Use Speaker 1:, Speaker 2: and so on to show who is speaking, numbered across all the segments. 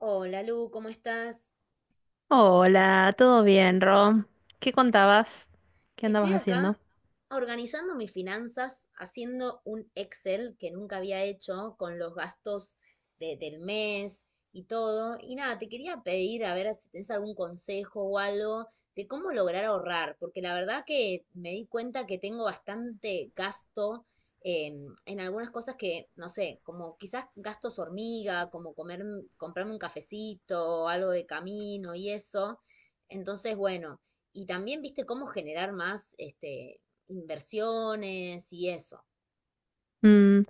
Speaker 1: Hola Lu, ¿cómo estás?
Speaker 2: Hola, ¿todo bien, Rom? ¿Qué contabas? ¿Qué andabas
Speaker 1: Estoy acá
Speaker 2: haciendo?
Speaker 1: organizando mis finanzas, haciendo un Excel que nunca había hecho con los gastos del mes y todo. Y nada, te quería pedir a ver si tienes algún consejo o algo de cómo lograr ahorrar, porque la verdad que me di cuenta que tengo bastante gasto en algunas cosas que, no sé, como quizás gastos hormiga, como comer, comprarme un cafecito, o algo de camino y eso. Entonces, bueno. Y también, viste, cómo generar más este, inversiones y eso.
Speaker 2: Mm,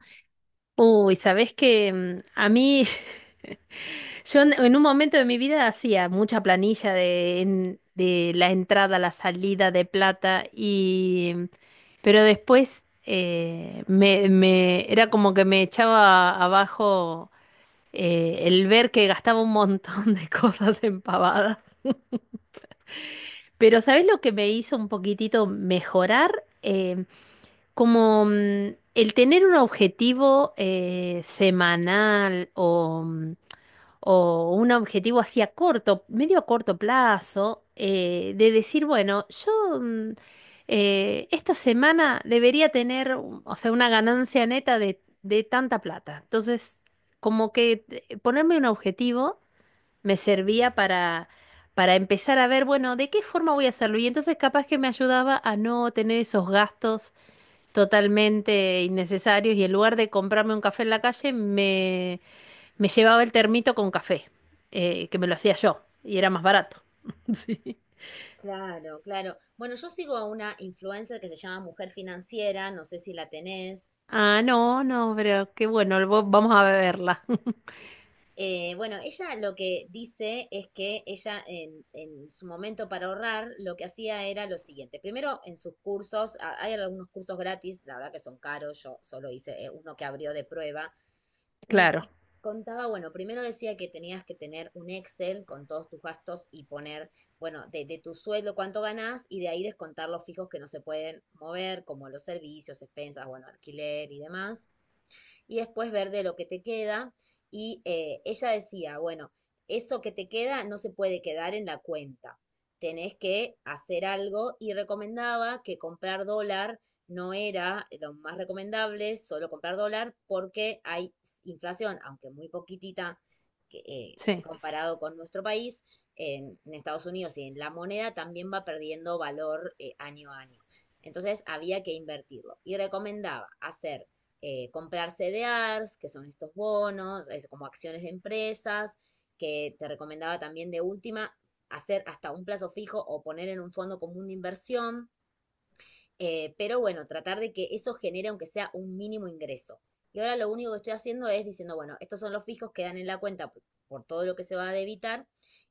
Speaker 2: uy, ¿sabés que a mí, yo en un momento de mi vida hacía mucha planilla de, de la entrada, la salida de plata, y, pero después era como que me echaba abajo el ver que gastaba un montón de cosas en pavadas. Pero ¿sabés lo que me hizo un poquitito mejorar? Como el tener un objetivo semanal o, o un objetivo así a corto, medio a corto plazo, de decir, bueno, yo esta semana debería tener, o sea, una ganancia neta de tanta plata. Entonces, como que ponerme un objetivo me servía para empezar a ver, bueno, de qué forma voy a hacerlo. Y entonces capaz que me ayudaba a no tener esos gastos totalmente innecesarios y en lugar de comprarme un café en la calle, me llevaba el termito con café, que me lo hacía yo y era más barato. Sí.
Speaker 1: Claro, claro. Bueno, yo sigo a una influencer que se llama Mujer Financiera, no sé si la tenés.
Speaker 2: Ah, no, no, pero qué bueno, vamos a beberla.
Speaker 1: Bueno, ella lo que dice es que ella en su momento para ahorrar lo que hacía era lo siguiente. Primero, en sus cursos, hay algunos cursos gratis, la verdad que son caros, yo solo hice uno que abrió de prueba. Y
Speaker 2: Claro,
Speaker 1: y contaba, bueno, primero decía que tenías que tener un Excel con todos tus gastos y poner, bueno, de tu sueldo cuánto ganás y de ahí descontar los fijos que no se pueden mover, como los servicios, expensas, bueno, alquiler y demás y después ver de lo que te queda. Y ella decía, bueno, eso que te queda no se puede quedar en la cuenta, tenés que hacer algo y recomendaba que comprar dólar no era lo más recomendable, solo comprar dólar porque hay inflación, aunque muy poquitita que,
Speaker 2: sí,
Speaker 1: comparado con nuestro país, en Estados Unidos y en la moneda también va perdiendo valor año a año. Entonces había que invertirlo y recomendaba hacer comprar CDRs, que son estos bonos, es como acciones de empresas, que te recomendaba también de última hacer hasta un plazo fijo o poner en un fondo común de inversión, pero bueno, tratar de que eso genere aunque sea un mínimo ingreso. Y ahora lo único que estoy haciendo es diciendo, bueno, estos son los fijos que dan en la cuenta por todo lo que se va a debitar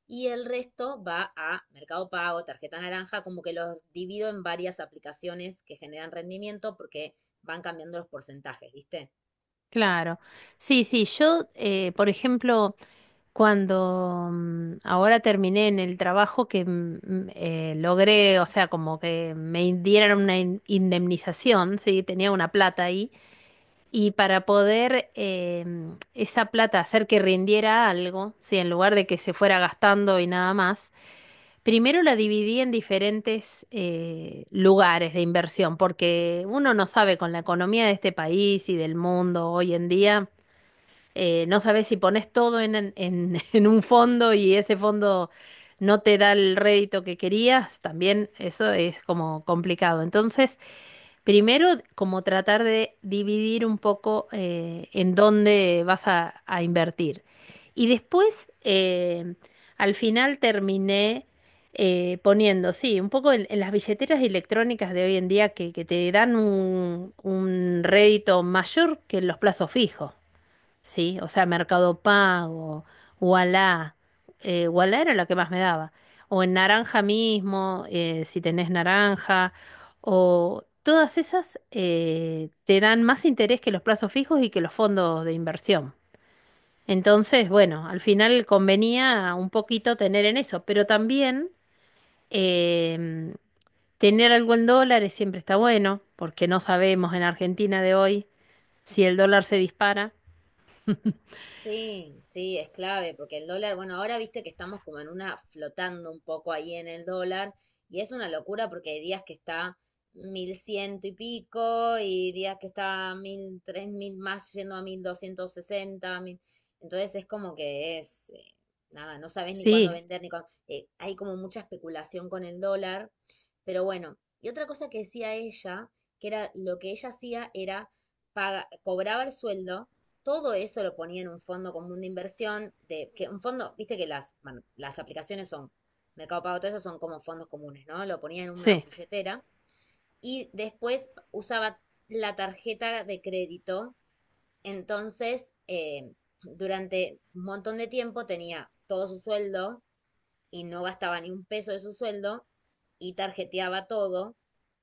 Speaker 1: y el resto va a Mercado Pago, tarjeta naranja, como que los divido en varias aplicaciones que generan rendimiento porque van cambiando los porcentajes, ¿viste?
Speaker 2: claro. Sí, sí, yo, por ejemplo, cuando ahora terminé en el trabajo que logré, o sea, como que me dieran una indemnización, sí, tenía una plata ahí. Y para poder esa plata hacer que rindiera algo, sí, en lugar de que se fuera gastando y nada más, primero la dividí en diferentes lugares de inversión, porque uno no sabe con la economía de este país y del mundo hoy en día. No sabes si pones todo en un fondo y ese fondo no te da el rédito que querías, también eso es como complicado. Entonces, primero, como tratar de dividir un poco en dónde vas a invertir. Y después, al final terminé poniendo, sí, un poco en las billeteras electrónicas de hoy en día que te dan un rédito mayor que los plazos fijos. Sí, o sea, Mercado Pago, Ualá, Ualá era la que más me daba. O en naranja mismo, si tenés naranja, o todas esas te dan más interés que los plazos fijos y que los fondos de inversión. Entonces, bueno, al final convenía un poquito tener en eso, pero también em, tener algo en dólares siempre está bueno, porque no sabemos en Argentina de hoy si el dólar se dispara.
Speaker 1: Sí, sí, es clave, porque el dólar, bueno, ahora viste que estamos como en una flotando un poco ahí en el dólar, y es una locura porque hay días que está mil ciento y pico, y días que está mil, tres mil más yendo a 1.260, mil. Entonces es como que es, nada, no sabes ni cuándo
Speaker 2: Sí,
Speaker 1: vender, ni cuándo. Hay como mucha especulación con el dólar, pero bueno, y otra cosa que decía ella, que era lo que ella hacía era cobraba el sueldo, todo eso lo ponía en un fondo común de inversión, de que un fondo, viste que bueno, las aplicaciones son, Mercado Pago, todo eso son como fondos comunes, ¿no? Lo ponía en una
Speaker 2: sí,
Speaker 1: billetera y después usaba la tarjeta de crédito. Entonces, durante un montón de tiempo tenía todo su sueldo y no gastaba ni un peso de su sueldo y tarjeteaba todo,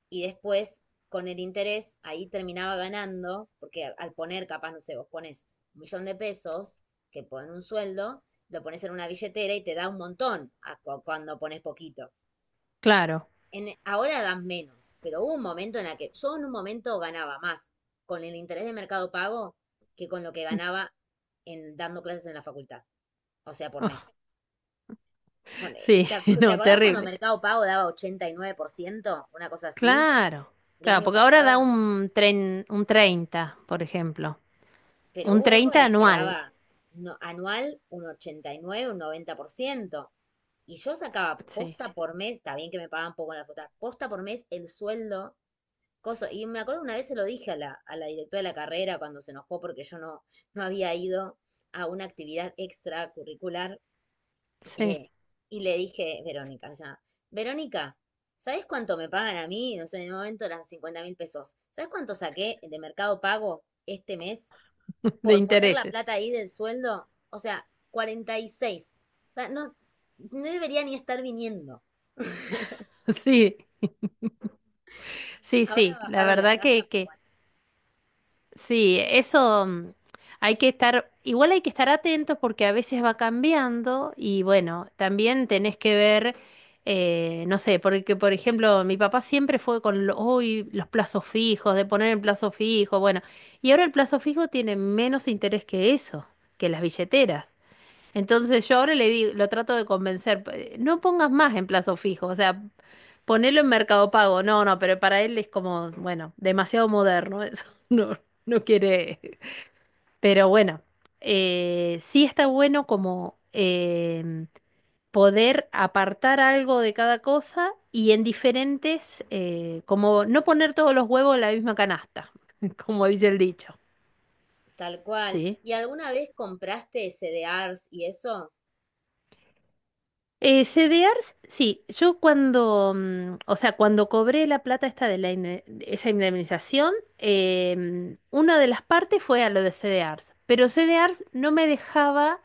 Speaker 1: y después con el interés ahí terminaba ganando, porque al poner capaz, no sé, vos pones un millón de pesos, que ponen un sueldo, lo pones en una billetera y te da un montón a cuando pones poquito.
Speaker 2: claro.
Speaker 1: Ahora dan menos, pero hubo un momento en el que yo en un momento ganaba más con el interés de Mercado Pago que con lo que ganaba dando clases en la facultad, o sea, por mes. Pone-
Speaker 2: Sí,
Speaker 1: ¿Te ac- te
Speaker 2: no,
Speaker 1: acordás cuando
Speaker 2: terrible.
Speaker 1: Mercado Pago daba 89%, una cosa así,
Speaker 2: Claro,
Speaker 1: el
Speaker 2: claro,
Speaker 1: año
Speaker 2: porque ahora da
Speaker 1: pasado?
Speaker 2: un 30, por ejemplo.
Speaker 1: Pero
Speaker 2: Un
Speaker 1: hubo época
Speaker 2: 30
Speaker 1: que
Speaker 2: anual.
Speaker 1: quedaba anual un 89, un 90%. Y yo sacaba
Speaker 2: Sí,
Speaker 1: posta por mes, está bien que me pagaban poco en la facultad, posta por mes el sueldo, coso. Y me acuerdo una vez se lo dije a la directora de la carrera cuando se enojó porque yo no, no había ido a una actividad extracurricular.
Speaker 2: sí,
Speaker 1: eh, y le dije, Verónica, ya, Verónica, ¿sabes cuánto me pagan a mí? No sé, en el momento eran 50.000 pesos. ¿Sabes cuánto saqué de Mercado Pago este mes?
Speaker 2: de
Speaker 1: Por poner la
Speaker 2: intereses.
Speaker 1: plata ahí del sueldo, o sea, 46. O sea, no, no debería ni estar viniendo.
Speaker 2: Sí, sí,
Speaker 1: Ahora
Speaker 2: sí, la
Speaker 1: bajaron la
Speaker 2: verdad
Speaker 1: tasa, pero
Speaker 2: que
Speaker 1: bueno,
Speaker 2: sí. Eso, hay que estar, igual hay que estar atentos porque a veces va cambiando y bueno, también tenés que ver, no sé, porque por ejemplo mi papá siempre fue con "Uy, los plazos fijos, de poner el plazo fijo", bueno, y ahora el plazo fijo tiene menos interés que eso, que las billeteras. Entonces yo ahora le digo, lo trato de convencer, No pongas más en plazo fijo, o sea, ponelo en Mercado Pago". No, no, pero para él es como, bueno, demasiado moderno eso. No, no quiere. Pero bueno, sí está bueno como poder apartar algo de cada cosa y en diferentes, como no poner todos los huevos en la misma canasta, como dice el dicho.
Speaker 1: tal cual.
Speaker 2: Sí.
Speaker 1: ¿Y alguna vez compraste C CDRs y eso?
Speaker 2: CDRs, sí, yo cuando, o sea, cuando cobré la plata esta de la de esa indemnización, una de las partes fue a lo de CDRs, pero CDRs no me dejaba.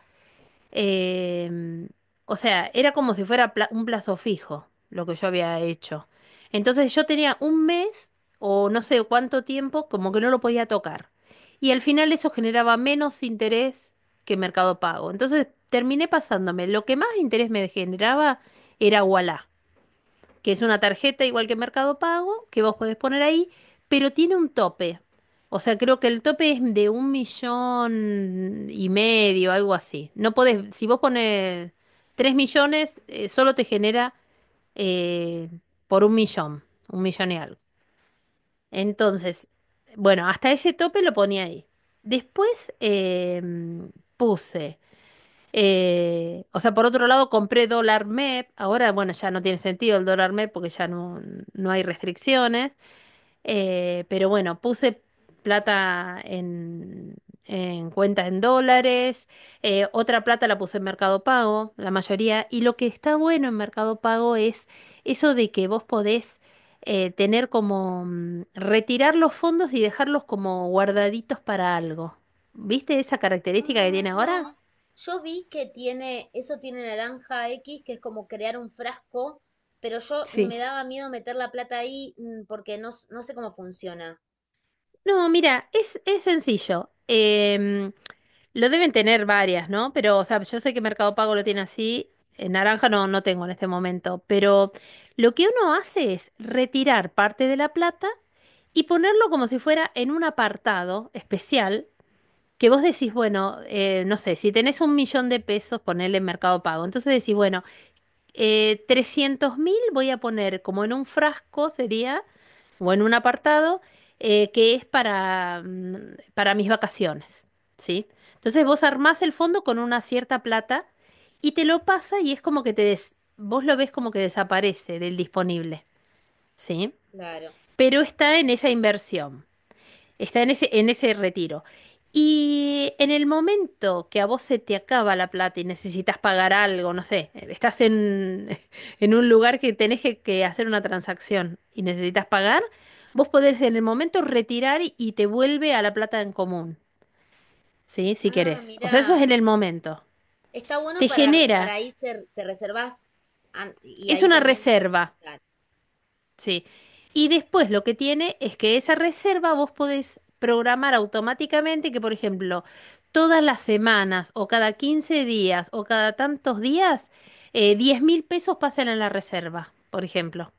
Speaker 2: Em, o sea, era como si fuera un plazo fijo lo que yo había hecho. Entonces yo tenía un mes o no sé cuánto tiempo como que no lo podía tocar. Y al final eso generaba menos interés que Mercado Pago. Entonces terminé pasándome. Lo que más interés me generaba era Ualá, que es una tarjeta igual que Mercado Pago, que vos podés poner ahí, pero tiene un tope. O sea, creo que el tope es de un millón y medio, algo así. No podés, si vos pones tres millones, solo te genera eh, por un millón y algo. Entonces, bueno, hasta ese tope lo ponía ahí. Después puse. O sea, por otro lado, compré dólar MEP. Ahora, bueno, ya no tiene sentido el dólar MEP porque no hay restricciones. Pero bueno, puse plata en cuenta en dólares. Otra plata la puse en Mercado Pago, la mayoría. Y lo que está bueno en Mercado Pago es eso de que vos podés tener como retirar los fondos y dejarlos como guardaditos para algo. ¿Viste esa característica que
Speaker 1: Ah,
Speaker 2: tiene ahora?
Speaker 1: no. Yo vi que tiene, eso tiene naranja X, que es como crear un frasco, pero yo
Speaker 2: Sí.
Speaker 1: me daba miedo meter la plata ahí porque no, no sé cómo funciona.
Speaker 2: No, mira, es sencillo. Lo deben tener varias, ¿no? Pero, o sea, yo sé que Mercado Pago lo tiene así. En naranja no, no tengo en este momento. Pero lo que uno hace es retirar parte de la plata y ponerlo como si fuera en un apartado especial que vos decís, bueno, no sé, si tenés un millón de pesos, ponele en Mercado Pago. Entonces decís, bueno, 300.000 voy a poner como en un frasco sería, o en un apartado, que es para mis vacaciones, ¿sí? Entonces vos armás el fondo con una cierta plata y te lo pasa y es como que vos lo ves como que desaparece del disponible, ¿sí?
Speaker 1: Claro.
Speaker 2: Pero está en esa inversión. Está en ese, retiro. Y en el momento que a vos se te acaba la plata y necesitas pagar algo, no sé, estás en, en un lugar que tenés que hacer una transacción y necesitas pagar, vos podés en el momento retirar y te vuelve a la plata en común, ¿sí? Si
Speaker 1: Ah,
Speaker 2: querés. O sea, eso
Speaker 1: mira.
Speaker 2: es en el momento.
Speaker 1: Está bueno
Speaker 2: Te
Speaker 1: para
Speaker 2: genera,
Speaker 1: ahí te reservas y
Speaker 2: es
Speaker 1: ahí
Speaker 2: una
Speaker 1: también.
Speaker 2: reserva.
Speaker 1: Claro,
Speaker 2: Sí. Y después lo que tiene es que esa reserva vos podés programar automáticamente que, por ejemplo, todas las semanas o cada 15 días o cada tantos días, 10 mil pesos pasan a la reserva, por ejemplo.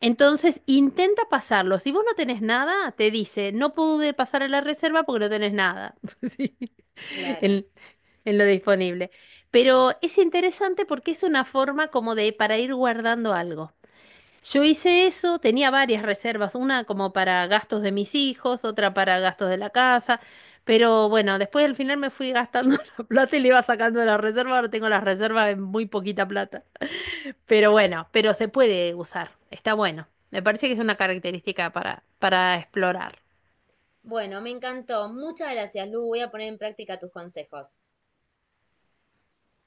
Speaker 2: Entonces intenta pasarlo. Si vos no tenés nada, te dice, no pude pasar a la reserva porque no tenés nada. Sí.
Speaker 1: claro.
Speaker 2: En, lo disponible. Pero es interesante porque es una forma como de para ir guardando algo. Yo hice eso, tenía varias reservas, una como para gastos de mis hijos, otra para gastos de la casa, pero bueno, después al final me fui gastando la plata y le iba sacando de la reserva, ahora tengo las reservas en muy poquita plata. Pero bueno, pero se puede usar, está bueno. Me parece que es una característica para explorar.
Speaker 1: Bueno, me encantó. Muchas gracias, Lu. Voy a poner en práctica tus consejos.